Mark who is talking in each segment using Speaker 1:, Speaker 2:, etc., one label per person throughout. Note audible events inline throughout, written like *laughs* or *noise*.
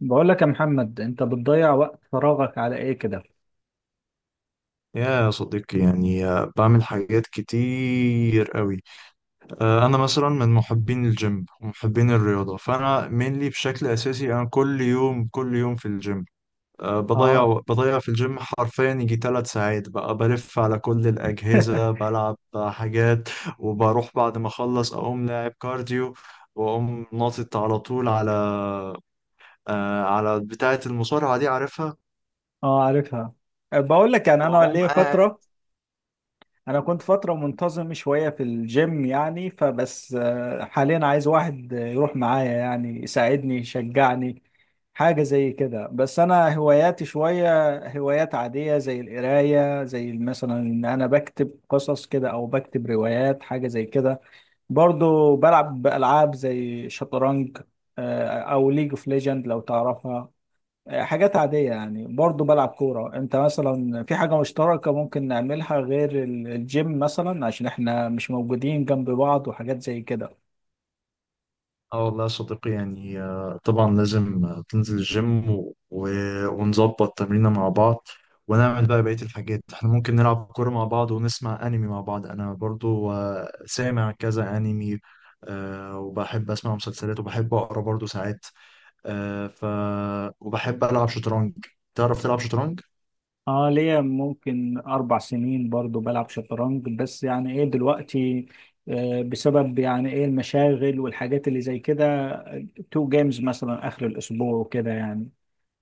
Speaker 1: بقول لك يا محمد، انت بتضيع وقت فراغك على ايه كده؟
Speaker 2: يا صديقي، يعني بعمل حاجات كتير قوي. انا مثلا من محبين الجيم ومحبين الرياضه، فانا mainly بشكل اساسي انا كل يوم كل يوم في الجيم. بضيع
Speaker 1: اه.
Speaker 2: بضيع في الجيم حرفيا يجي 3 ساعات، بقى بلف على كل الاجهزه
Speaker 1: *laughs*
Speaker 2: بلعب حاجات، وبروح بعد ما اخلص اقوم لاعب كارديو. واقوم ناطط على طول على على بتاعه المصارعه دي، عارفها.
Speaker 1: اه، عارفها. بقول لك، يعني انا
Speaker 2: واقوم.
Speaker 1: ليا فتره، انا كنت فتره منتظم شويه في الجيم يعني، فبس حاليا عايز واحد يروح معايا يعني يساعدني يشجعني، حاجه زي كده. بس انا هواياتي شويه هوايات عاديه، زي القرايه، زي مثلا ان انا بكتب قصص كده او بكتب روايات، حاجه زي كده. برضو بلعب بألعاب زي شطرنج، أو ليج اوف ليجند لو تعرفها. حاجات عادية يعني، برضو بلعب كورة. انت مثلا في حاجة مشتركة ممكن نعملها غير الجيم، مثلا عشان احنا مش موجودين جنب بعض، وحاجات زي كده؟
Speaker 2: اه والله يا صديقي، يعني طبعا لازم تنزل الجيم ونظبط تمرينة مع بعض، ونعمل بقى بقية الحاجات. احنا ممكن نلعب كورة مع بعض ونسمع أنمي مع بعض. أنا برضو سامع كذا أنمي. وبحب أسمع مسلسلات، وبحب أقرأ برضو ساعات. آه، ف وبحب ألعب شطرنج. تعرف تلعب شطرنج؟
Speaker 1: اه، ليا ممكن 4 سنين برضو بلعب شطرنج، بس يعني ايه دلوقتي، بسبب يعني ايه المشاغل والحاجات اللي زي كده، تو جيمز مثلا آخر الأسبوع وكده يعني.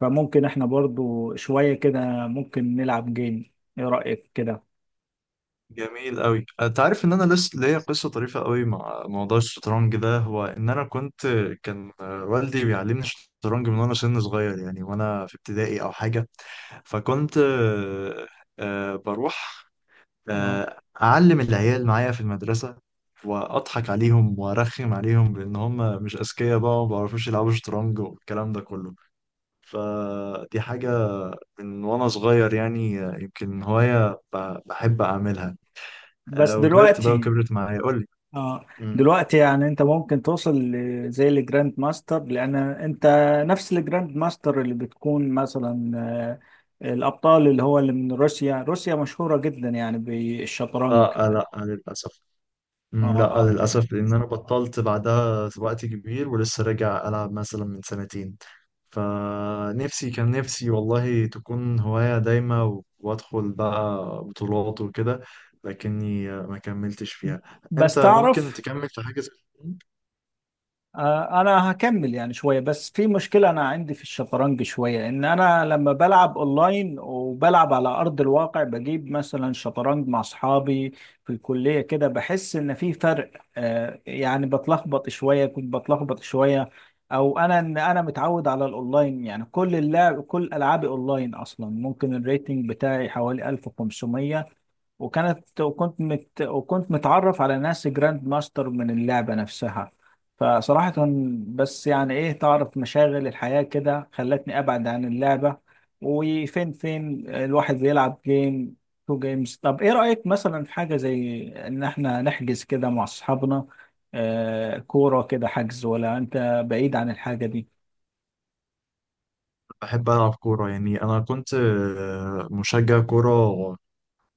Speaker 1: فممكن احنا برضو شوية كده، ممكن نلعب جيم. ايه رأيك كده؟
Speaker 2: جميل قوي. انت عارف ان انا لسه ليا قصه طريفه قوي مع موضوع الشطرنج ده؟ هو ان انا كنت، كان والدي بيعلمني الشطرنج من وانا سن صغير، يعني وانا في ابتدائي او حاجه. فكنت بروح
Speaker 1: اه.
Speaker 2: اعلم العيال معايا في المدرسه، واضحك عليهم وارخم عليهم بان هم مش اذكياء بقى وما بيعرفوش يلعبوا شطرنج والكلام ده كله. فدي حاجه من وانا صغير، يعني يمكن هوايه بحب اعملها.
Speaker 1: بس
Speaker 2: وكبرت بقى،
Speaker 1: دلوقتي،
Speaker 2: وكبرت معايا. قول لي.
Speaker 1: اه،
Speaker 2: مم.
Speaker 1: دلوقتي يعني انت ممكن توصل زي الجراند ماستر، لان انت نفس الجراند ماستر اللي بتكون مثلا الابطال، اللي هو اللي من روسيا. روسيا مشهورة جدا يعني
Speaker 2: اه،
Speaker 1: بالشطرنج.
Speaker 2: لا، للاسف.
Speaker 1: اه،
Speaker 2: مم، لا،
Speaker 1: اه.
Speaker 2: للاسف، لان انا بطلت بعدها وقت كبير، ولسه راجع العب مثلا من سنتين. فنفسي، كان نفسي والله تكون هواية دايمة وادخل بقى بطولات وكده، لكني ما كملتش فيها.
Speaker 1: بس
Speaker 2: انت ممكن
Speaker 1: تعرف،
Speaker 2: تكمل في حاجة زي كده؟
Speaker 1: انا هكمل يعني شويه، بس في مشكله انا عندي في الشطرنج شويه، ان انا لما بلعب اونلاين وبلعب على ارض الواقع بجيب مثلا شطرنج مع اصحابي في الكليه كده بحس ان في فرق. يعني بتلخبط شويه، كنت بتلخبط شويه، او انا انا متعود على الاونلاين، يعني كل اللعب كل العابي اونلاين اصلا. ممكن الريتنج بتاعي حوالي 1500. وكانت وكنت مت وكنت متعرف على ناس جراند ماستر من اللعبة نفسها. فصراحة، بس يعني ايه، تعرف مشاغل الحياة كده خلتني ابعد عن اللعبة. وفين فين الواحد بيلعب جيم، تو جيمز. طب ايه رأيك مثلا في حاجة زي ان احنا نحجز كده مع اصحابنا كورة كده، حجز، ولا انت بعيد عن الحاجة دي؟
Speaker 2: بحب ألعب كورة، يعني أنا كنت مشجع كورة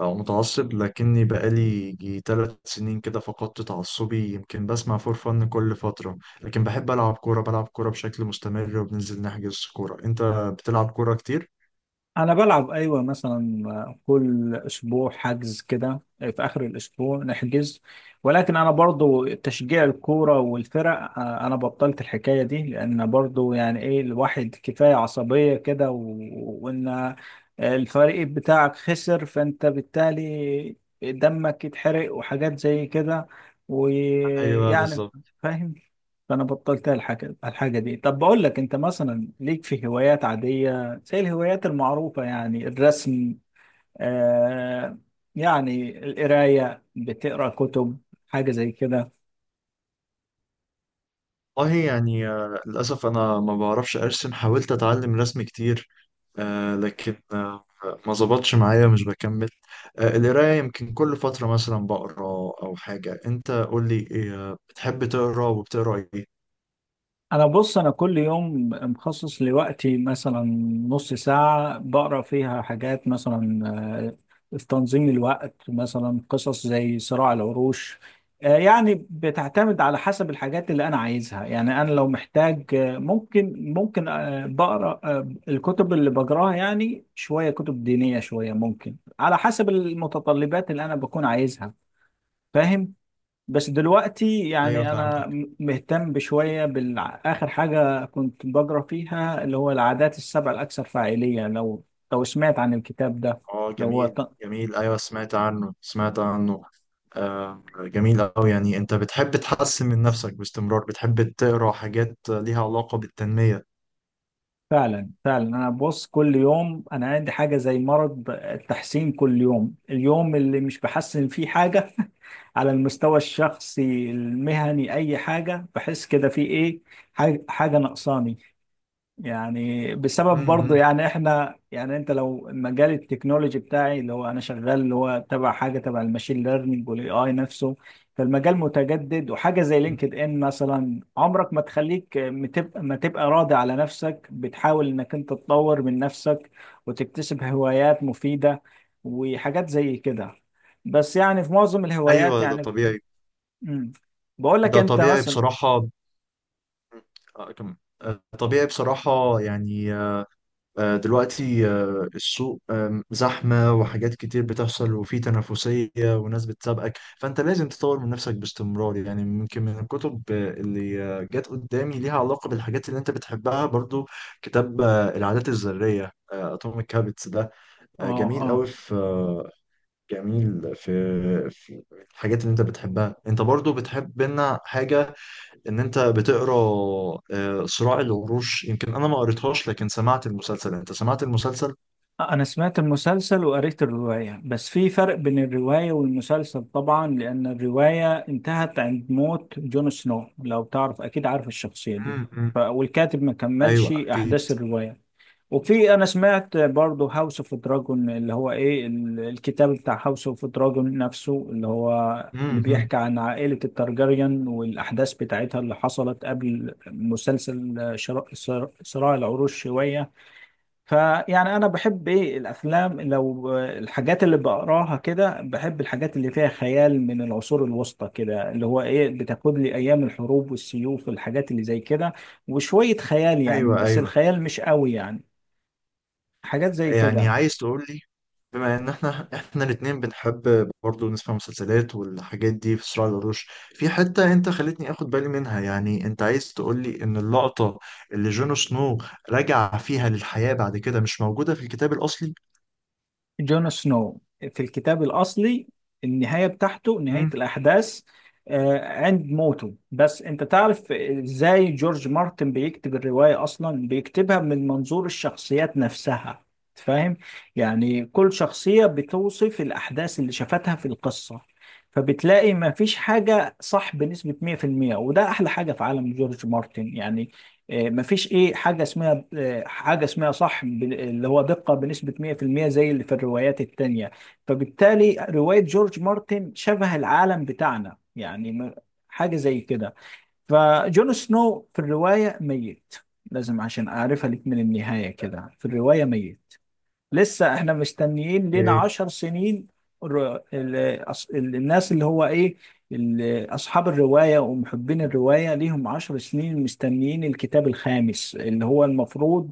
Speaker 2: أو متعصب، لكني بقالي جي 3 سنين كده فقدت تعصبي. يمكن بسمع فور فن كل فترة، لكن بحب ألعب كورة، بلعب كورة بشكل مستمر وبننزل نحجز كورة. أنت بتلعب كورة كتير؟
Speaker 1: انا بلعب، ايوه، مثلا كل اسبوع حجز كده، في اخر الاسبوع نحجز. ولكن انا برضو تشجيع الكوره والفرق، انا بطلت الحكايه دي، لان برضو يعني ايه الواحد كفايه عصبيه كده و... وان الفريق بتاعك خسر فانت بالتالي دمك يتحرق وحاجات زي كده،
Speaker 2: ايوه
Speaker 1: ويعني
Speaker 2: بالظبط.
Speaker 1: فاهم. فانا بطلت الحاجه دي. طب بقول لك انت مثلا ليك في هوايات عاديه، زي الهوايات المعروفة يعني الرسم، آه يعني القراية، بتقرأ كتب، حاجة زي كده؟
Speaker 2: والله يعني للأسف أنا ما بعرفش أرسم، حاولت أتعلم رسم كتير، لكن ما ظبطش معايا، مش بكمل. القراية يمكن كل فترة مثلا بقرا أو حاجة. أنت قول لي إيه بتحب تقرا، وبتقرا إيه؟
Speaker 1: انا بص، انا كل يوم مخصص لوقتي مثلا نص ساعة بقرا فيها حاجات، مثلا في تنظيم الوقت، مثلا قصص زي صراع العروش. يعني بتعتمد على حسب الحاجات اللي انا عايزها، يعني انا لو محتاج ممكن بقرا، الكتب اللي بقراها يعني شوية كتب دينية، شوية ممكن على حسب المتطلبات اللي انا بكون عايزها. فاهم؟ بس دلوقتي
Speaker 2: أيوه
Speaker 1: يعني انا
Speaker 2: فهمتك.
Speaker 1: مهتم بشويه بالاخر حاجه كنت بقرا فيها، اللي هو العادات السبع الاكثر فاعليه، لو لو سمعت عن الكتاب ده.
Speaker 2: اه،
Speaker 1: اللي هو
Speaker 2: جميل
Speaker 1: ط-
Speaker 2: جميل، ايوه سمعت عنه سمعت عنه. آه جميل أوي، يعني أنت بتحب تحسن من نفسك باستمرار، بتحب تقرأ حاجات ليها علاقة بالتنمية.
Speaker 1: فعلا، فعلا انا ببص كل يوم، انا عندي حاجه زي مرض التحسين، كل يوم، اليوم اللي مش بحسن فيه حاجه، *laughs* على المستوى الشخصي، المهني، اي حاجه، بحس كده في ايه حاجة ناقصاني. يعني بسبب برضه
Speaker 2: امم.
Speaker 1: يعني احنا، يعني انت لو مجال التكنولوجي بتاعي، اللي هو انا شغال اللي هو تبع حاجه تبع الماشين ليرنينج والاي اي نفسه، فالمجال متجدد. وحاجه زي لينكد ان مثلا عمرك ما تخليك متبقى ما تبقى راضي على نفسك، بتحاول انك انت تطور من نفسك وتكتسب هوايات مفيده وحاجات زي كده. بس يعني في معظم الهوايات
Speaker 2: أيوه ده
Speaker 1: يعني.
Speaker 2: طبيعي.
Speaker 1: امم. بقول لك
Speaker 2: ده
Speaker 1: انت
Speaker 2: طبيعي
Speaker 1: مثلا.
Speaker 2: بصراحة، آه، كم- طبيعي بصراحة يعني. دلوقتي السوق زحمة، وحاجات كتير بتحصل، وفي تنافسية وناس بتسابقك. فأنت لازم تطور من نفسك باستمرار، يعني يمكن من الكتب اللي جت قدامي ليها علاقة بالحاجات اللي أنت بتحبها، برضو كتاب العادات الذرية، أتوميك هابتس ده.
Speaker 1: اه.
Speaker 2: جميل
Speaker 1: آه.
Speaker 2: أوي، في جميل في الحاجات اللي أنت بتحبها. أنت برضو بتحب لنا حاجة، ان انت بتقرا صراع العروش. يمكن انا ما قريتهاش لكن سمعت المسلسل. انت سمعت المسلسل؟
Speaker 1: أنا سمعت المسلسل وقريت الرواية، بس في فرق بين الرواية والمسلسل طبعا، لأن الرواية انتهت عند موت جون سنو، لو تعرف، أكيد عارف الشخصية دي. ف...
Speaker 2: امم.
Speaker 1: والكاتب ما كملش
Speaker 2: ايوه اكيد.
Speaker 1: أحداث الرواية. وفي، أنا سمعت برضو هاوس اوف دراجون، اللي هو إيه الكتاب بتاع هاوس اوف دراجون نفسه، اللي هو اللي
Speaker 2: امم.
Speaker 1: بيحكي عن عائلة التارجاريان والأحداث بتاعتها اللي حصلت قبل مسلسل صراع العروش شوية. فيعني انا بحب ايه الافلام، لو الحاجات اللي بقراها كده، بحب الحاجات اللي فيها خيال من العصور الوسطى كده، اللي هو ايه بتاخد لي ايام الحروب والسيوف والحاجات اللي زي كده، وشوية خيال، يعني
Speaker 2: ايوه،
Speaker 1: بس
Speaker 2: ايوه،
Speaker 1: الخيال مش قوي يعني، حاجات زي
Speaker 2: يعني
Speaker 1: كده.
Speaker 2: عايز تقول لي بما ان احنا الاثنين بنحب برضه نسمع مسلسلات والحاجات دي، في صراع العروش في حته انت خلتني اخد بالي منها، يعني انت عايز تقول لي ان اللقطه اللي جون سنو رجع فيها للحياه بعد كده مش موجوده في الكتاب الاصلي؟
Speaker 1: جون سنو في الكتاب الأصلي، النهاية بتاعته، نهاية
Speaker 2: امم.
Speaker 1: الأحداث آه، عند موته. بس أنت تعرف إزاي جورج مارتن بيكتب الرواية أصلا، بيكتبها من منظور الشخصيات نفسها، فاهم، يعني كل شخصية بتوصف الأحداث اللي شافتها في القصة، فبتلاقي ما فيش حاجة صح بنسبة 100%. وده أحلى حاجة في عالم جورج مارتن يعني. مفيش ايه حاجه اسمها حاجه اسمها صح اللي هو دقه بنسبه 100%، زي اللي في الروايات التانية. فبالتالي روايه جورج مارتن شبه العالم بتاعنا يعني، حاجه زي كده. فجون سنو في الروايه ميت، لازم عشان اعرفها لك، من النهايه كده، في الروايه ميت. لسه احنا مستنيين لنا
Speaker 2: اوكي.
Speaker 1: 10 سنين. الناس اللي هو ايه، اصحاب الرواية ومحبين الرواية ليهم 10 سنين مستنيين الكتاب الخامس، اللي هو المفروض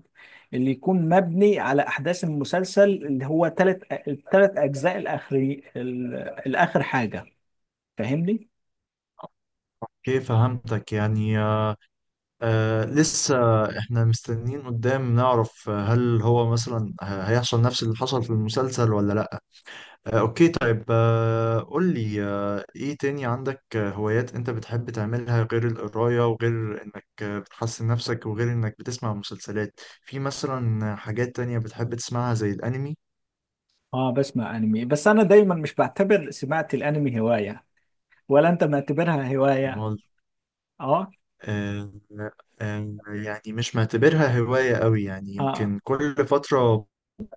Speaker 1: اللي يكون مبني على احداث المسلسل، اللي هو الثلاث اجزاء الاخري، الاخر حاجة. فاهمني؟
Speaker 2: اوكي فهمتك. يعني آه، لسه احنا مستنيين قدام نعرف هل هو مثلا هيحصل نفس اللي حصل في المسلسل ولا لا. آه، اوكي طيب، آه قول لي، آه ايه تاني عندك هوايات انت بتحب تعملها غير القراية، وغير انك بتحسن نفسك، وغير انك بتسمع مسلسلات؟ في مثلا حاجات تانية بتحب تسمعها زي الانمي؟
Speaker 1: اه، بسمع انمي، بس انا دايما مش بعتبر سماعة الانمي هواية، ولا انت معتبرها هواية؟
Speaker 2: امال.
Speaker 1: اه.
Speaker 2: آه. يعني مش معتبرها هواية قوي، يعني
Speaker 1: اه.
Speaker 2: يمكن كل فترة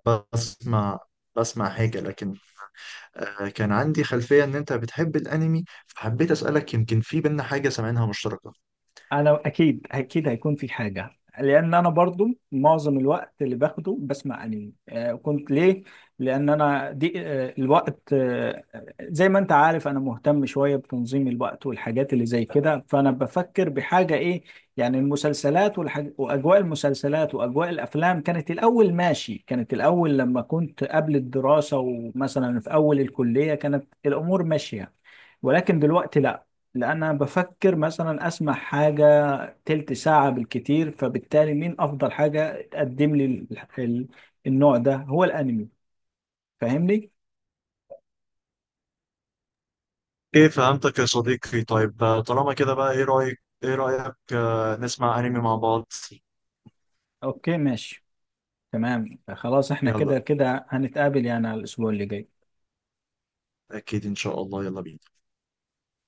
Speaker 2: بسمع بسمع حاجة. لكن كان عندي خلفية إن أنت بتحب الأنمي، فحبيت أسألك يمكن في بينا حاجة سامعينها مشتركة.
Speaker 1: انا اكيد اكيد هيكون في حاجه، لان انا برضو معظم الوقت اللي باخده بسمع انمي. كنت ليه، لان انا دي، الوقت، زي ما انت عارف انا مهتم شويه بتنظيم الوقت والحاجات اللي زي كده، فانا بفكر بحاجه ايه. يعني المسلسلات واجواء المسلسلات واجواء الافلام، كانت الاول ماشي، كانت الاول لما كنت قبل الدراسه ومثلا في اول الكليه كانت الامور ماشيه، ولكن دلوقتي لا، لان انا بفكر مثلا اسمع حاجه تلت ساعة بالكتير، فبالتالي مين أفضل حاجة تقدم لي ال- النوع ده هو الأنمي. فاهمني؟
Speaker 2: إيه فهمتك يا صديقي. طيب طالما كده بقى، إيه رأيك، نسمع أنمي مع بعض؟
Speaker 1: أوكي، ماشي، تمام، خلاص، احنا
Speaker 2: يلا،
Speaker 1: كده كده هنتقابل يعني على الأسبوع اللي جاي.
Speaker 2: أكيد إن شاء الله. يلا بينا.